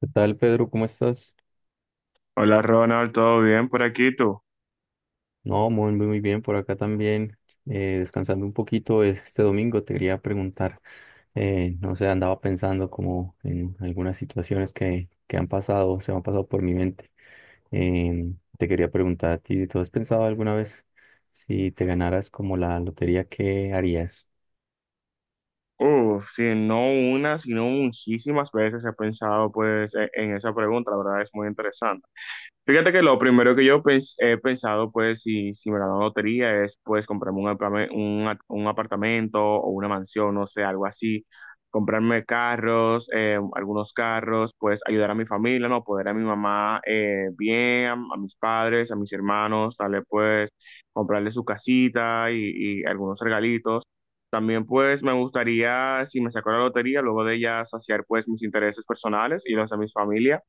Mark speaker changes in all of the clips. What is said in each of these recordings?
Speaker 1: ¿Qué tal, Pedro? ¿Cómo estás?
Speaker 2: Hola Ronald, ¿todo bien por aquí tú?
Speaker 1: No, muy bien, por acá también, descansando un poquito este domingo, te quería preguntar, no sé, andaba pensando como en algunas situaciones que han pasado, se me han pasado por mi mente. Te quería preguntar a ti, ¿tú has pensado alguna vez si te ganaras como la lotería, qué harías?
Speaker 2: Uf, sí, no una, sino muchísimas veces he pensado pues en esa pregunta, la verdad es muy interesante. Fíjate que lo primero que yo he pensado, pues, si me la dan lotería, es, pues, comprarme un, un apartamento o una mansión, no sé, algo así. Comprarme carros, algunos carros, pues, ayudar a mi familia, ¿no? Poder a mi mamá bien, a mis padres, a mis hermanos, darle, pues, comprarle su casita y algunos regalitos. También, pues, me gustaría, si me saco la lotería, luego de ella saciar, pues, mis intereses personales y los de mi familia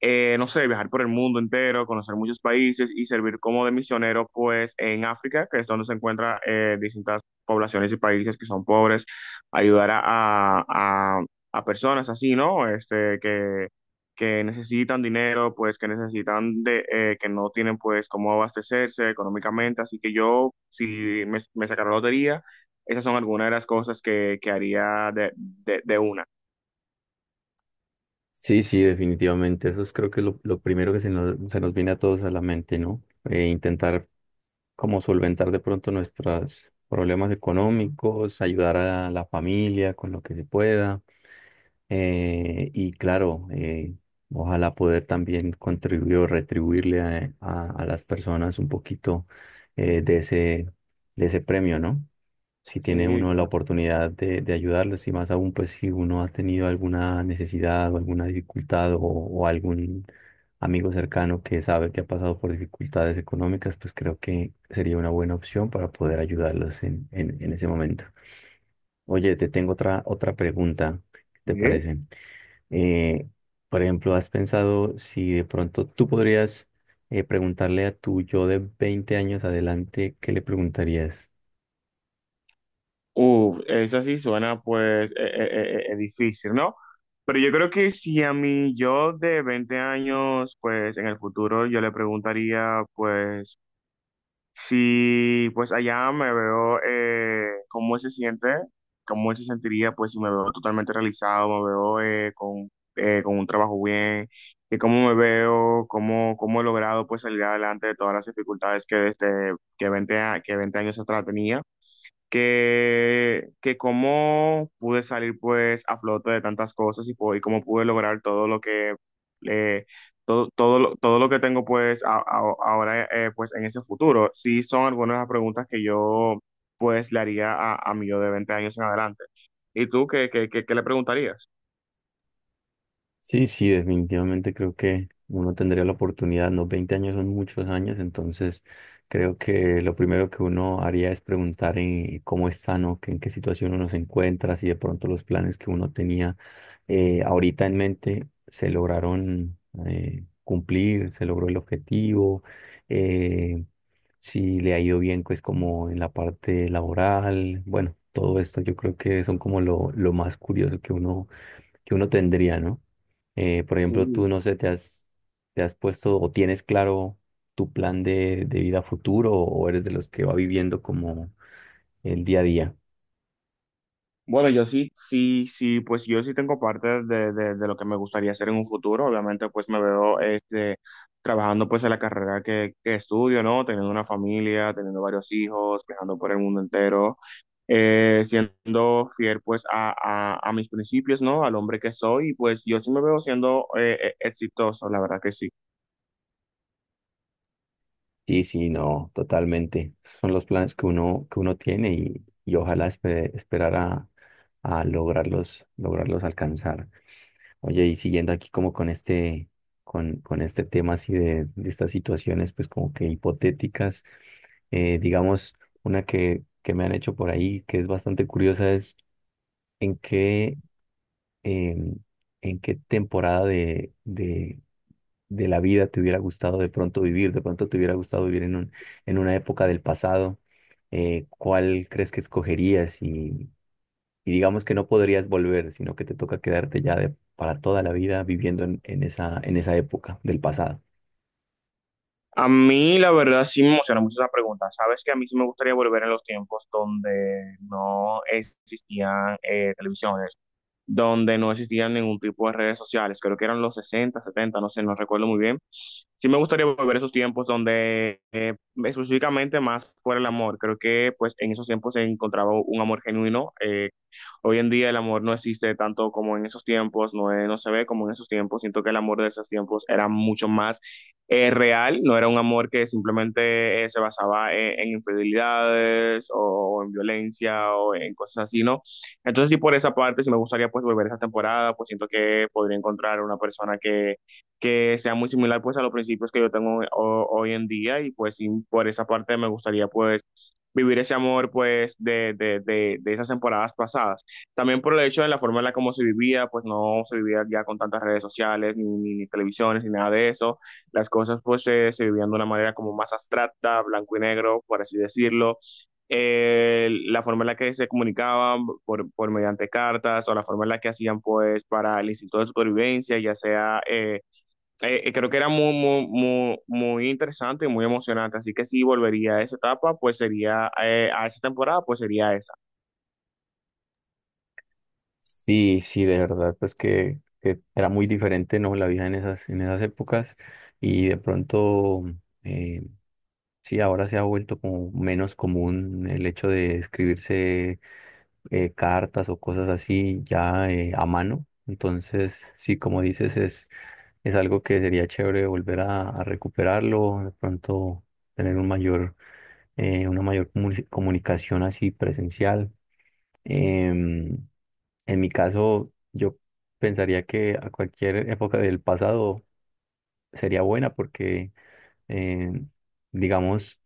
Speaker 2: no sé, viajar por el mundo entero, conocer muchos países y servir como de misionero, pues en África, que es donde se encuentran distintas poblaciones y países que son pobres, ayudar a- a- a personas así, ¿no? Este, que necesitan dinero, pues que necesitan de, que no tienen pues cómo abastecerse económicamente, así que yo, si me sacara la lotería, esas son algunas de las cosas que haría de una.
Speaker 1: Sí, sí, definitivamente. Eso es, creo que lo primero que se nos viene a todos a la mente, ¿no? Intentar como solventar de pronto nuestros problemas económicos, ayudar a la familia con lo que se pueda. Y claro, ojalá poder también contribuir o retribuirle a, a las personas un poquito eh, de ese, de ese premio, ¿no? Si tiene
Speaker 2: Sí,
Speaker 1: uno la
Speaker 2: claro.
Speaker 1: oportunidad de ayudarlos, y más aún pues si uno ha tenido alguna necesidad o alguna dificultad o algún amigo cercano que sabe que ha pasado por dificultades económicas, pues creo que sería una buena opción para poder ayudarlos en ese momento. Oye, te tengo otra pregunta, ¿qué te
Speaker 2: Sí.
Speaker 1: parece? Eh, por ejemplo, ¿has pensado si de pronto tú podrías preguntarle a tu yo de 20 años adelante? ¿Qué le preguntarías?
Speaker 2: Uf, esa sí suena pues difícil, ¿no? Pero yo creo que si a mí yo de 20 años, pues en el futuro yo le preguntaría pues si pues allá me veo, cómo él se siente, cómo él se sentiría pues si me veo totalmente realizado, me veo con un trabajo bien, y cómo me veo, cómo he logrado pues salir adelante de todas las dificultades que desde que 20 años atrás tenía que cómo pude salir pues a flote de tantas cosas y y cómo pude lograr todo lo que eh, todo lo que tengo pues ahora pues en ese futuro. Sí son algunas de las preguntas que yo pues le haría a mi yo de 20 años en adelante. ¿Y tú qué le preguntarías?
Speaker 1: Sí, sí, definitivamente creo que uno tendría la oportunidad, ¿no? 20 años son muchos años, entonces creo que lo primero que uno haría es preguntar en cómo está, ¿no? Que en qué situación uno se encuentra, si de pronto los planes que uno tenía ahorita en mente se lograron cumplir, se logró el objetivo, eh, si le ha ido bien, pues como en la parte laboral. Bueno, todo esto yo creo que son como lo más curioso que uno tendría, ¿no? Por ejemplo, tú,
Speaker 2: Sí.
Speaker 1: no sé, te has puesto o tienes claro tu plan de vida futuro, o eres de los que va viviendo como el día a día.
Speaker 2: Bueno, yo sí, pues yo sí tengo parte de, de lo que me gustaría hacer en un futuro. Obviamente, pues me veo este, trabajando pues en la carrera que estudio, ¿no? Teniendo una familia, teniendo varios hijos, viajando por el mundo entero, siendo fiel pues a, a mis principios, ¿no? Al hombre que soy, y pues yo sí me veo siendo exitoso, la verdad que sí.
Speaker 1: Sí, sí, no, totalmente. Son los planes que uno tiene, y ojalá esperar a lograrlos, lograrlos alcanzar. Oye, y siguiendo aquí como con este, con este tema así de estas situaciones, pues como que hipotéticas, digamos, una que me han hecho por ahí, que es bastante curiosa, es ¿en qué, em, en qué temporada de la vida te hubiera gustado de pronto vivir? ¿De pronto te hubiera gustado vivir en un, en una época del pasado? ¿Cuál crees que escogerías? Y digamos que no podrías volver, sino que te toca quedarte ya de, para toda la vida viviendo en esa época del pasado.
Speaker 2: A mí, la verdad, sí me emociona mucho esa pregunta. Sabes que a mí sí me gustaría volver en los tiempos donde no existían televisiones donde no existían ningún tipo de redes sociales, creo que eran los 60 setenta, no sé, no recuerdo muy bien, sí me gustaría volver a esos tiempos donde específicamente más fuera el amor. Creo que pues en esos tiempos se encontraba un amor genuino. Hoy en día el amor no existe tanto como en esos tiempos, no, no se ve como en esos tiempos. Siento que el amor de esos tiempos era mucho más real, no era un amor que simplemente se basaba en infidelidades o, en violencia o en cosas así, ¿no? Entonces sí por esa parte sí me gustaría pues volver a esa temporada, pues siento que podría encontrar una persona que sea muy similar pues a los principios que yo tengo hoy en día y pues sí, por esa parte me gustaría pues vivir ese amor pues de esas temporadas pasadas. También por el hecho de la forma en la como se vivía, pues no se vivía ya con tantas redes sociales, ni televisiones, ni nada de eso. Las cosas pues se vivían de una manera como más abstracta, blanco y negro, por así decirlo. La forma en la que se comunicaban por mediante cartas o la forma en la que hacían pues para el instinto de supervivencia, ya sea creo que era muy interesante y muy emocionante. Así que si volvería a esa etapa, pues sería, a esa temporada, pues sería esa.
Speaker 1: Sí, sí, de verdad, pues que era muy diferente, ¿no? La vida en esas épocas y de pronto... em, sí, ahora se ha vuelto como menos común el hecho de escribirse cartas o cosas así ya a mano. Entonces, sí, como dices, es algo que sería chévere volver a recuperarlo, de pronto tener un mayor, una mayor comunicación así presencial. Em, en mi caso, yo pensaría que a cualquier época del pasado sería buena porque... em, digamos,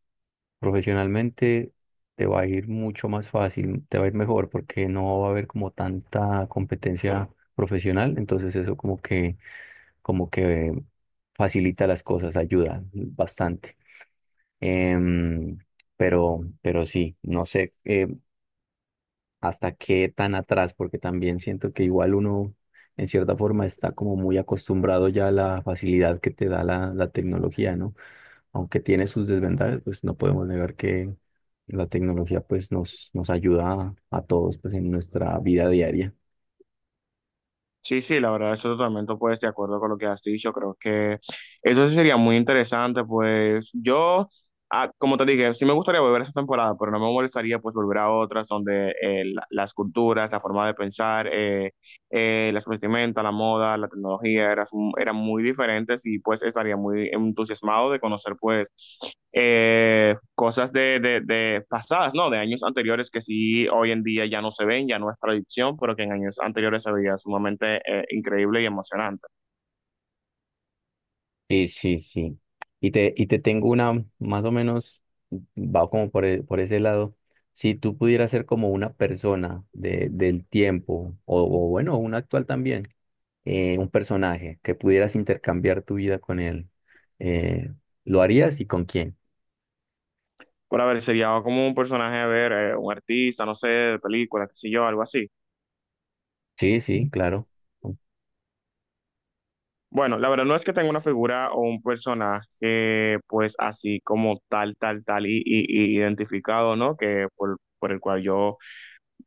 Speaker 1: profesionalmente te va a ir mucho más fácil, te va a ir mejor porque no va a haber como tanta competencia profesional, entonces eso como que facilita las cosas, ayuda bastante. Em, pero sí, no sé, hasta qué tan atrás, porque también siento que igual uno en cierta forma está como muy acostumbrado ya a la facilidad que te da la, la tecnología, ¿no? Aunque tiene sus desventajas, pues no podemos negar que la tecnología pues nos, nos ayuda a todos pues en nuestra vida diaria.
Speaker 2: Sí, sí, la verdad, eso totalmente, pues, de acuerdo con lo que has dicho. Creo que eso sí sería muy interesante, pues, yo, ah, como te dije, sí me gustaría volver a esa temporada, pero no me molestaría, pues, volver a otras donde las culturas, la forma de pensar, las vestimentas, la moda, la tecnología eran muy diferentes y pues estaría muy entusiasmado de conocer pues cosas de pasadas, ¿no? De años anteriores que sí hoy en día ya no se ven, ya no es tradición, pero que en años anteriores se veía sumamente increíble y emocionante.
Speaker 1: Sí, sí, sí. Y te tengo una, más o menos, va como por, por ese lado. Si tú pudieras ser como una persona de, del tiempo, o bueno, un actual también, un personaje que pudieras intercambiar tu vida con él, eh, ¿lo harías y con quién?
Speaker 2: Por haber, sería como un personaje, a ver, un artista, no sé, de película, qué sé yo, algo así.
Speaker 1: Sí, sí, claro.
Speaker 2: Bueno, la verdad no es que tenga una figura o un personaje pues así como tal y identificado, ¿no? Que por el cual yo,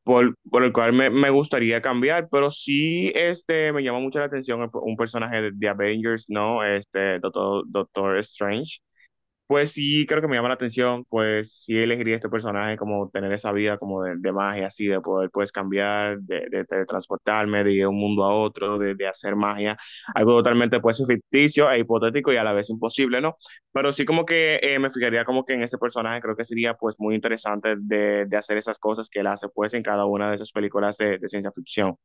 Speaker 2: por el cual me gustaría cambiar, pero sí este, me llama mucho la atención un personaje de Avengers, ¿no? Este, Doctor Strange. Pues sí, creo que me llama la atención, pues sí elegiría este personaje como tener esa vida como de magia, así, de poder pues cambiar, teletransportarme de un mundo a otro, de hacer magia, algo totalmente pues ficticio e hipotético y a la vez imposible, ¿no? Pero sí como que me fijaría como que en ese personaje creo que sería pues muy interesante de hacer esas cosas que él hace pues en cada una de esas películas de ciencia ficción.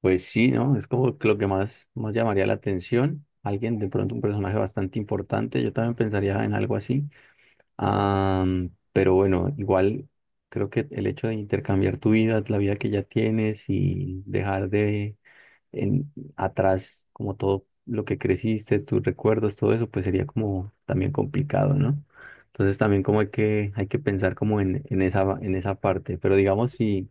Speaker 1: Pues sí, ¿no? Es como que lo que más, más llamaría la atención. Alguien, de pronto un personaje bastante importante. Yo también pensaría en algo así. Pero bueno, igual creo que el hecho de intercambiar tu vida, la vida que ya tienes, y dejar atrás como todo lo que creciste, tus recuerdos, todo eso, pues sería como también complicado, ¿no? Entonces también como hay que pensar como en esa parte. Pero digamos si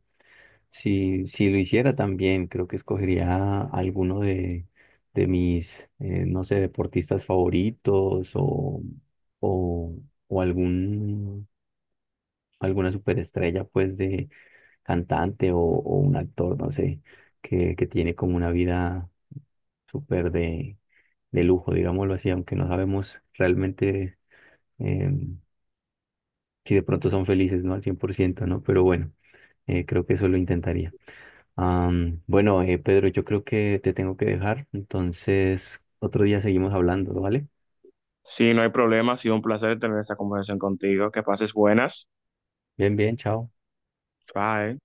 Speaker 1: si lo hiciera también, creo que escogería alguno de mis, no sé, deportistas favoritos, o, o algún, alguna superestrella, pues, de cantante, o un actor, no sé, que tiene como una vida súper de lujo, digámoslo así, aunque no sabemos realmente em, si de pronto son felices, ¿no? Al 100 por ciento, ¿no? Pero bueno, creo que eso lo intentaría. Bueno, Pedro, yo creo que te tengo que dejar, entonces otro día seguimos hablando, ¿vale?
Speaker 2: Sí, no hay problema, ha sido un placer tener esta conversación contigo, que pases buenas.
Speaker 1: Bien, bien, chao.
Speaker 2: Bye.